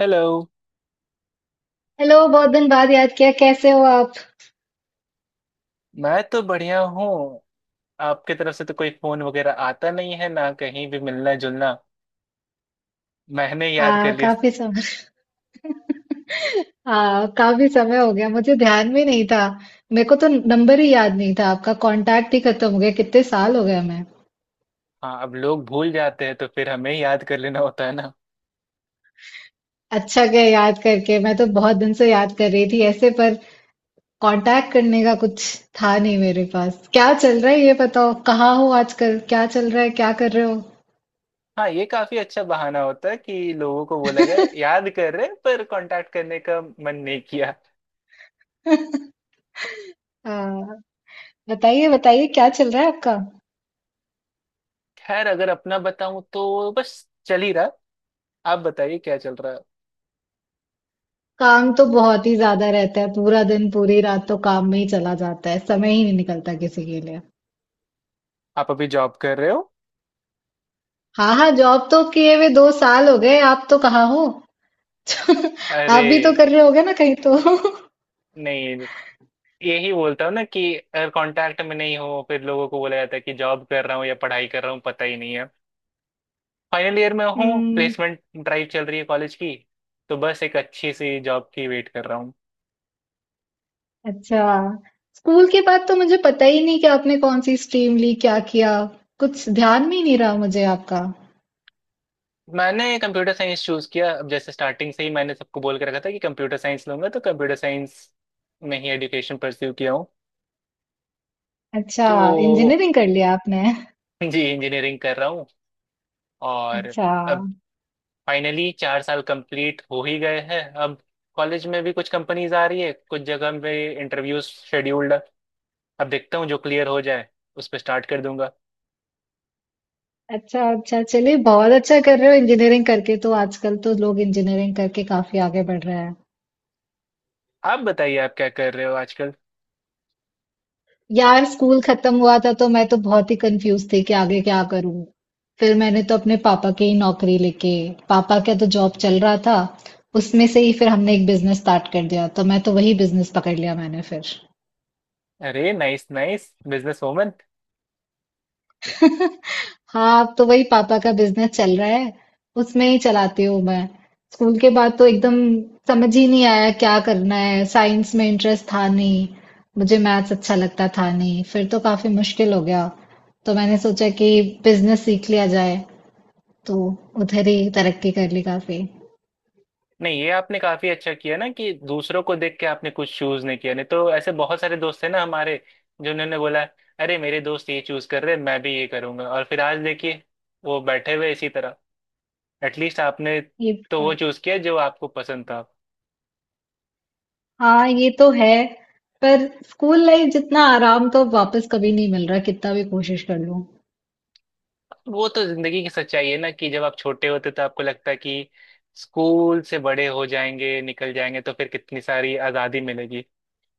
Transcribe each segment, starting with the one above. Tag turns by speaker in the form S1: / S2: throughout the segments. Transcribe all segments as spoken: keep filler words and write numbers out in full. S1: Hello.
S2: Hello. बहुत दिन बाद याद किया। कैसे हो आप?
S1: मैं तो बढ़िया हूँ। आपके तरफ से तो कोई फोन वगैरह आता नहीं है ना, कहीं भी मिलना जुलना। मैंने याद कर
S2: हाँ,
S1: लिया।
S2: काफी समय। हाँ, काफी समय हो गया, मुझे ध्यान में नहीं था। मेरे को तो नंबर ही याद नहीं था, आपका कांटेक्ट ही खत्म हो गया। कितने साल हो गए हमें।
S1: हाँ, अब लोग भूल जाते हैं तो फिर हमें याद कर लेना होता है ना।
S2: अच्छा गया याद करके। मैं तो बहुत दिन से याद कर रही थी ऐसे, पर कांटेक्ट करने का कुछ था नहीं मेरे पास। क्या चल रहा है ये बताओ। कहाँ हो आजकल, क्या चल रहा है, क्या कर रहे हो?
S1: हाँ, ये काफी अच्छा बहाना होता है कि लोगों को बोला जाए याद कर रहे हैं, पर कांटेक्ट करने का मन नहीं किया।
S2: हाँ। बताइए बताइए क्या चल रहा है आपका।
S1: खैर, अगर अपना बताऊं तो बस चल ही रहा। आप बताइए क्या चल रहा है।
S2: काम तो बहुत ही ज्यादा रहता है, पूरा दिन पूरी रात तो काम में ही चला जाता है। समय ही नहीं निकलता किसी के लिए।
S1: आप अभी जॉब कर रहे हो?
S2: हाँ हाँ, जॉब तो किए हुए दो साल हो गए। आप तो कहाँ हो?
S1: अरे
S2: आप भी तो कर रहे होगे ना कहीं तो।
S1: नहीं। यही बोलता हूँ ना कि अगर कांटेक्ट में नहीं हो फिर लोगों को बोला जाता है कि जॉब कर रहा हूँ या पढ़ाई कर रहा हूँ, पता ही नहीं है। फाइनल ईयर में हूँ,
S2: हम्म।
S1: प्लेसमेंट ड्राइव चल रही है कॉलेज की। तो बस एक अच्छी सी जॉब की वेट कर रहा हूँ।
S2: अच्छा। स्कूल के बाद तो मुझे पता ही नहीं कि आपने कौन सी स्ट्रीम ली, क्या किया। कुछ ध्यान में ही नहीं रहा मुझे आपका।
S1: मैंने कंप्यूटर साइंस चूज किया। अब जैसे स्टार्टिंग से ही मैंने सबको बोल के रखा था कि कंप्यूटर साइंस लूंगा तो कंप्यूटर साइंस में ही एजुकेशन परस्यू किया हूँ।
S2: अच्छा।
S1: तो
S2: इंजीनियरिंग कर लिया आपने?
S1: जी, इंजीनियरिंग कर रहा हूँ। और
S2: अच्छा।
S1: अब फाइनली चार साल कंप्लीट हो ही गए हैं। अब कॉलेज में भी कुछ कंपनीज आ रही है, कुछ जगह पे इंटरव्यूज शेड्यूल्ड है। अब देखता हूँ जो क्लियर हो जाए उस पर स्टार्ट कर दूंगा।
S2: अच्छा, अच्छा, चलिए, बहुत अच्छा कर रहे हो। इंजीनियरिंग करके तो आजकल तो लोग इंजीनियरिंग करके काफी आगे बढ़ रहे हैं।
S1: आप बताइए आप क्या कर रहे हो आजकल।
S2: यार, स्कूल खत्म हुआ था तो मैं तो बहुत ही कंफ्यूज थी कि आगे क्या करूं। फिर मैंने तो अपने पापा की ही नौकरी लेके, पापा का तो जॉब चल रहा था, उसमें से ही फिर हमने एक बिजनेस स्टार्ट कर दिया, तो मैं तो वही बिजनेस पकड़ लिया मैंने फिर।
S1: अरे नाइस नाइस, बिजनेस वूमन।
S2: हाँ, अब तो वही पापा का बिजनेस चल रहा है, उसमें ही चलाती हूँ मैं। स्कूल के बाद तो एकदम समझ ही नहीं आया क्या करना है। साइंस में इंटरेस्ट था नहीं, मुझे मैथ्स अच्छा लगता था नहीं, फिर तो काफी मुश्किल हो गया। तो मैंने सोचा कि बिजनेस सीख लिया जाए, तो उधर ही तरक्की कर ली काफी।
S1: नहीं, ये आपने काफी अच्छा किया ना कि दूसरों को देख के आपने कुछ चूज नहीं किया। नहीं तो ऐसे बहुत सारे दोस्त हैं ना हमारे, जिन्होंने बोला अरे मेरे दोस्त ये चूज कर रहे हैं मैं भी ये करूंगा, और फिर आज देखिए वो बैठे हुए इसी तरह। एटलीस्ट आपने
S2: ये
S1: तो वो
S2: बात।
S1: चूज किया जो आपको पसंद था।
S2: हाँ, ये तो है। पर स्कूल लाइफ जितना आराम तो वापस कभी नहीं मिल रहा, कितना भी कोशिश कर लूँ।
S1: वो तो जिंदगी की सच्चाई है ना कि जब आप छोटे होते तो आपको लगता है कि स्कूल से बड़े हो जाएंगे, निकल जाएंगे तो फिर कितनी सारी आजादी मिलेगी।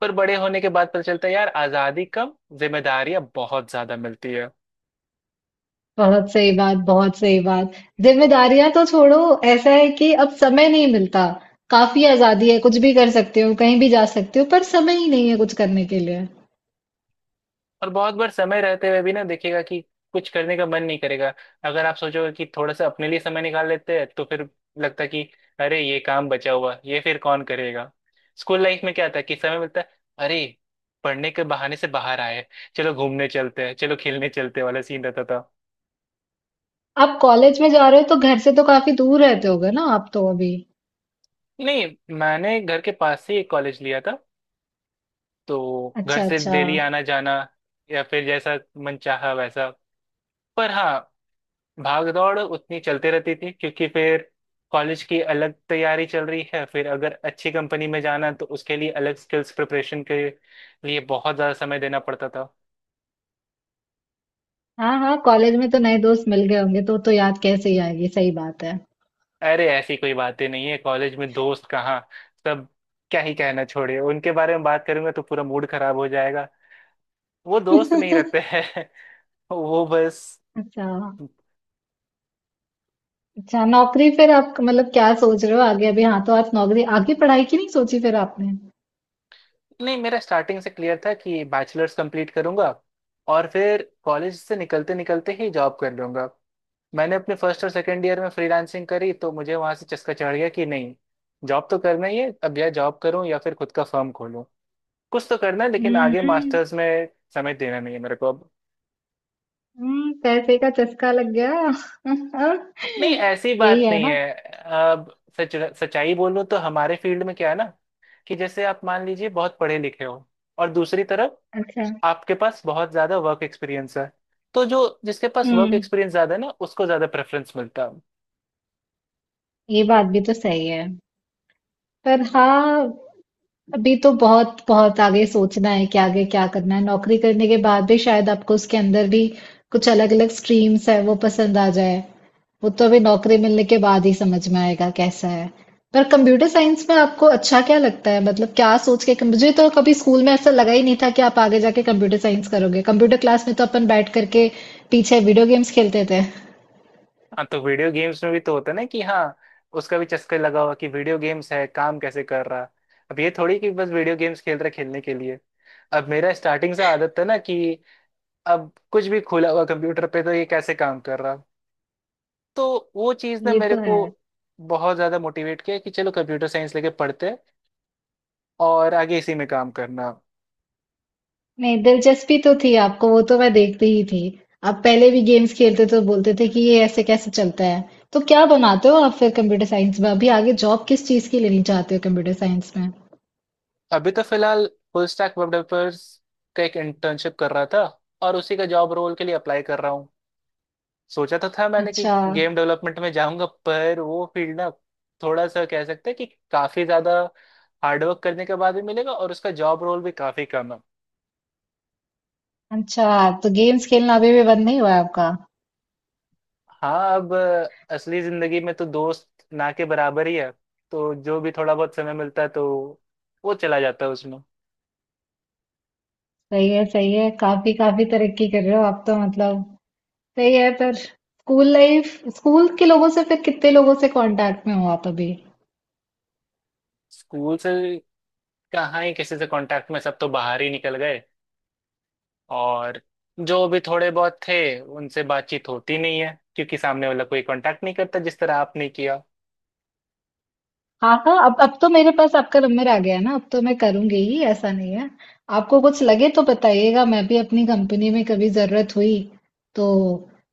S1: पर बड़े होने के बाद पता चलता है यार, आजादी कम, जिम्मेदारियां बहुत ज्यादा मिलती है।
S2: बहुत सही बात, बहुत सही बात। जिम्मेदारियां तो छोड़ो, ऐसा है कि अब समय नहीं मिलता। काफी आजादी है, कुछ भी कर सकते हो, कहीं भी जा सकते हो, पर समय ही नहीं है कुछ करने के लिए।
S1: और बहुत बार समय रहते हुए भी ना देखिएगा कि कुछ करने का मन नहीं करेगा। अगर आप सोचोगे कि थोड़ा सा अपने लिए समय निकाल लेते हैं तो फिर लगता है कि अरे ये काम बचा हुआ ये फिर कौन करेगा। स्कूल लाइफ में क्या था कि समय मिलता है, अरे पढ़ने के बहाने से बाहर आए, चलो घूमने चलते हैं चलो खेलने चलते हैं वाला सीन रहता था।
S2: आप कॉलेज में जा रहे हो तो घर से तो काफी दूर रहते होगे ना आप तो अभी?
S1: नहीं, मैंने घर के पास से एक कॉलेज लिया था, तो घर
S2: अच्छा,
S1: से
S2: अच्छा।
S1: डेली आना जाना। या फिर जैसा मन चाहा वैसा। पर हाँ, भाग दौड़ उतनी चलते रहती थी क्योंकि फिर कॉलेज की अलग तैयारी चल रही है, फिर अगर अच्छी कंपनी में जाना तो उसके लिए अलग स्किल्स प्रिपरेशन के लिए बहुत ज़्यादा समय देना पड़ता था।
S2: हाँ, हाँ, कॉलेज में तो नए दोस्त मिल गए होंगे तो तो याद कैसे ही आएगी, सही बात है।
S1: अरे ऐसी कोई बातें नहीं है, कॉलेज में दोस्त कहाँ। सब, क्या ही कहना, छोड़िए, उनके बारे में बात करूंगा तो पूरा मूड खराब हो जाएगा। वो दोस्त नहीं रहते हैं। वो बस।
S2: अच्छा, अच्छा, नौकरी फिर आप मतलब क्या सोच रहे हो आगे? अभी हाँ, तो आप नौकरी आगे पढ़ाई की नहीं सोची फिर आपने?
S1: नहीं, मेरा स्टार्टिंग से क्लियर था कि बैचलर्स कंप्लीट करूंगा और फिर कॉलेज से निकलते निकलते ही जॉब कर लूंगा। मैंने अपने फर्स्ट और सेकंड ईयर में फ्रीलांसिंग करी तो मुझे वहां से चस्का चढ़ गया कि नहीं, जॉब तो करना ही है अब। या जॉब करूं या फिर खुद का फर्म खोलूं, कुछ तो करना है। लेकिन
S2: हम्म,
S1: आगे
S2: हम्म।
S1: मास्टर्स में समय देना नहीं है मेरे को अब।
S2: हम्म, पैसे का चस्का लग गया।
S1: नहीं, ऐसी
S2: यही
S1: बात
S2: है
S1: नहीं
S2: ना?
S1: है। अब सच, सच्चाई बोलूं तो हमारे फील्ड में क्या है ना कि जैसे आप मान लीजिए बहुत पढ़े लिखे हो और दूसरी तरफ
S2: अच्छा।
S1: आपके पास बहुत ज्यादा वर्क एक्सपीरियंस है, तो जो जिसके पास वर्क
S2: हम्म।
S1: एक्सपीरियंस ज्यादा है ना उसको ज्यादा प्रेफरेंस मिलता है।
S2: ये बात भी तो सही है। पर हाँ, अभी तो बहुत बहुत आगे सोचना है कि आगे क्या करना है। नौकरी करने के बाद भी शायद आपको उसके अंदर भी कुछ अलग अलग स्ट्रीम्स है, वो पसंद आ जाए। वो तो अभी नौकरी मिलने के बाद ही समझ में आएगा कैसा है। पर कंप्यूटर साइंस में आपको अच्छा क्या लगता है, मतलब क्या सोच के? मुझे तो कभी स्कूल में ऐसा लगा ही नहीं था कि आप आगे जाके कंप्यूटर साइंस करोगे। कंप्यूटर क्लास में तो अपन बैठ करके पीछे वीडियो गेम्स खेलते थे।
S1: हाँ, तो वीडियो गेम्स में भी तो होता है ना कि हाँ, उसका भी चस्का लगा हुआ कि वीडियो गेम्स है काम कैसे कर रहा। अब ये थोड़ी कि बस वीडियो गेम्स खेल रहा है खेलने के लिए। अब मेरा स्टार्टिंग से आदत था ना कि अब कुछ भी खुला हुआ कंप्यूटर पे तो ये कैसे काम कर रहा। तो वो चीज़ ने
S2: ये
S1: मेरे
S2: तो
S1: को
S2: है।
S1: बहुत ज़्यादा मोटिवेट किया कि चलो कंप्यूटर साइंस लेके पढ़ते हैं और आगे इसी में काम करना।
S2: नहीं, दिलचस्पी तो थी आपको, वो तो मैं देखती ही थी। आप पहले भी गेम्स खेलते तो बोलते थे कि ये ऐसे कैसे चलता है। तो क्या बनाते हो आप फिर कंप्यूटर साइंस में, अभी आगे जॉब किस चीज की लेनी चाहते हो कंप्यूटर साइंस में?
S1: अभी तो फिलहाल फुल स्टैक वेब डेवलपर्स का एक इंटर्नशिप कर रहा था और उसी का जॉब रोल के लिए अप्लाई कर रहा हूँ। सोचा तो था मैंने कि
S2: अच्छा।
S1: गेम डेवलपमेंट में जाऊंगा, पर वो फील्ड ना थोड़ा सा कह सकते हैं कि काफी ज्यादा हार्डवर्क करने के बाद भी मिलेगा और उसका जॉब रोल भी काफी कम है।
S2: अच्छा, तो गेम्स खेलना अभी भी बंद नहीं हुआ है आपका?
S1: हाँ, अब अ, असली जिंदगी में तो दोस्त ना के बराबर ही है, तो जो भी थोड़ा बहुत समय मिलता है तो वो चला जाता है उसमें।
S2: सही है, सही है, काफी काफी तरक्की कर रहे हो आप तो, मतलब सही है। पर स्कूल लाइफ, स्कूल के लोगों से फिर कितने लोगों से कांटेक्ट में हो आप अभी?
S1: स्कूल से कहाँ ही किसी से कांटेक्ट में, सब तो बाहर ही निकल गए और जो भी थोड़े बहुत थे उनसे बातचीत होती नहीं है क्योंकि सामने वाला कोई कांटेक्ट नहीं करता जिस तरह आपने किया।
S2: हाँ हाँ, अब अब तो मेरे पास आपका नंबर आ गया है ना, अब तो मैं करूंगी ही, ऐसा नहीं है। आपको कुछ लगे तो बताइएगा, मैं भी अपनी कंपनी में कभी जरूरत हुई तो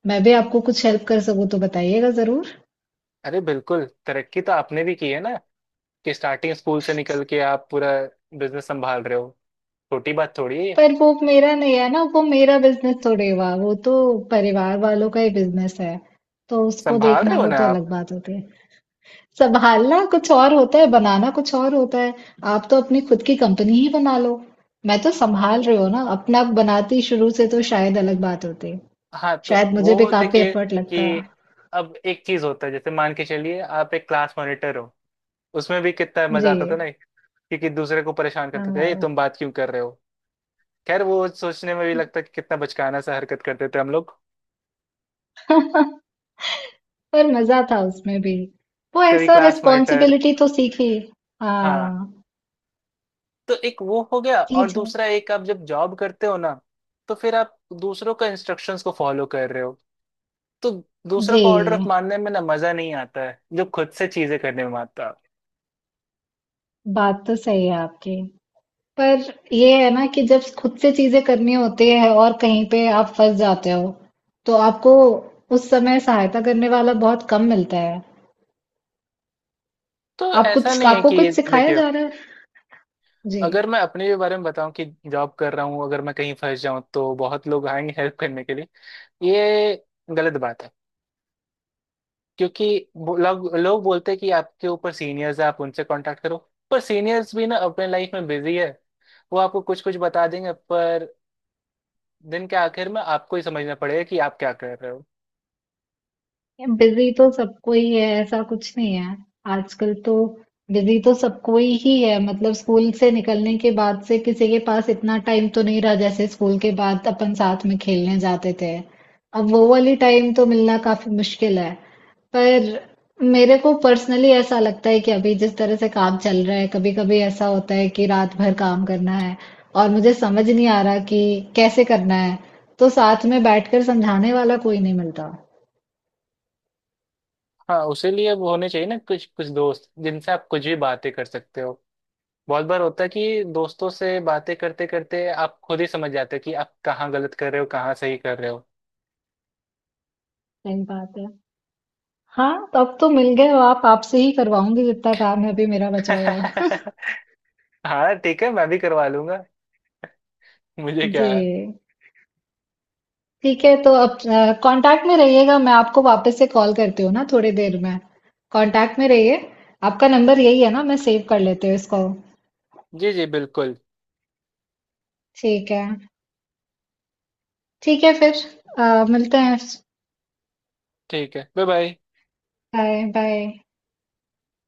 S2: मैं भी आपको कुछ हेल्प कर सकूँ तो बताइएगा जरूर।
S1: अरे बिल्कुल, तरक्की तो आपने भी की है ना कि स्टार्टिंग स्कूल से निकल के आप पूरा बिजनेस संभाल रहे हो। छोटी बात थोड़ी है।
S2: पर वो मेरा नहीं है ना, वो मेरा बिजनेस थोड़े हुआ, वो तो परिवार वालों का ही बिजनेस है। तो उसको
S1: संभाल
S2: देखना
S1: रहे हो
S2: वो
S1: ना
S2: तो
S1: आप।
S2: अलग बात होती है। संभालना कुछ और होता है, बनाना कुछ और होता है। आप तो अपनी खुद की कंपनी ही बना लो। मैं तो संभाल रही हूँ ना अपना, बनाती शुरू से तो शायद अलग बात होती।
S1: हाँ, तो
S2: शायद मुझे भी
S1: वो
S2: काफ़ी
S1: देखिए
S2: एफ़र्ट लगता।
S1: कि अब एक चीज होता है जैसे मान के चलिए आप एक क्लास मॉनिटर हो, उसमें भी कितना मजा
S2: जी।
S1: आता था ना, क्योंकि दूसरे को परेशान करते थे ए
S2: हाँ।
S1: तुम बात क्यों कर रहे हो। खैर वो सोचने में भी लगता है कि कितना बचकाना सा हरकत करते थे हम लोग।
S2: पर मज़ा था उसमें भी। वो
S1: कभी
S2: ऐसा
S1: क्लास मॉनिटर।
S2: रिस्पॉन्सिबिलिटी तो सीखी।
S1: हाँ,
S2: हाँ।
S1: तो एक वो हो गया
S2: जी,
S1: और
S2: जी।
S1: दूसरा एक, आप जब जॉब करते हो ना तो फिर आप दूसरों का इंस्ट्रक्शंस को फॉलो कर रहे हो, तो दूसरों
S2: जी।
S1: का ऑर्डर ऑफ मानने में ना मजा नहीं आता है जो खुद से चीजें करने में आता है।
S2: बात तो सही है आपकी। पर ये है ना कि जब खुद से चीज़ें करनी होती है और कहीं पे आप फँस जाते हो, तो आपको उस समय सहायता करने वाला बहुत कम मिलता है।
S1: तो
S2: आप
S1: ऐसा
S2: कुछ,
S1: नहीं है
S2: आपको
S1: कि
S2: कुछ सिखाया
S1: देखियो,
S2: जा रहा है? जी।
S1: अगर मैं अपने भी बारे में बताऊं कि जॉब कर रहा हूं अगर मैं कहीं फंस जाऊं तो बहुत लोग आएंगे हेल्प करने के लिए। ये गलत बात है, क्योंकि वो लोग लोग बोलते हैं कि आपके ऊपर सीनियर्स है आप उनसे कांटेक्ट करो। पर सीनियर्स भी ना अपने लाइफ में बिजी है। वो आपको कुछ कुछ बता देंगे, पर दिन के आखिर में आपको ही समझना पड़ेगा कि आप क्या कर रहे हो।
S2: बिजी तो सबको ही है, ऐसा कुछ नहीं है। आजकल तो बिजी तो सबको ही ही है, मतलब स्कूल से निकलने के बाद से किसी के पास इतना टाइम तो नहीं रहा, जैसे स्कूल के बाद अपन साथ में खेलने जाते थे। अब वो वाली टाइम तो मिलना काफी मुश्किल है। पर मेरे को पर्सनली ऐसा लगता है कि अभी जिस तरह से काम चल रहा है, कभी कभी ऐसा होता है कि रात भर काम करना है और मुझे समझ नहीं आ रहा कि कैसे करना है, तो साथ में बैठकर समझाने वाला कोई नहीं मिलता।
S1: हाँ, उसी लिए वो होने चाहिए ना कुछ कुछ दोस्त जिनसे आप कुछ भी बातें कर सकते हो। बहुत बार होता है कि दोस्तों से बातें करते करते आप खुद ही समझ जाते हो कि आप कहाँ गलत कर रहे हो कहाँ सही कर रहे हो।
S2: सही बात है। हाँ, तो अब तो मिल गए हो आप, आपसे ही करवाऊंगी जितना काम है अभी मेरा बचा हुआ।
S1: हाँ ठीक है, मैं भी करवा लूंगा। मुझे क्या
S2: जी,
S1: है।
S2: ठीक है, तो अब कांटेक्ट में रहिएगा, मैं आपको वापस से कॉल करती हूँ ना थोड़ी देर में। कांटेक्ट में रहिए। आपका नंबर यही है ना? मैं सेव कर लेती हूँ इसको।
S1: जी जी, बिल्कुल।
S2: ठीक है। ठीक है फिर। अ, मिलते हैं।
S1: ठीक है। Bye bye.
S2: Bye bye.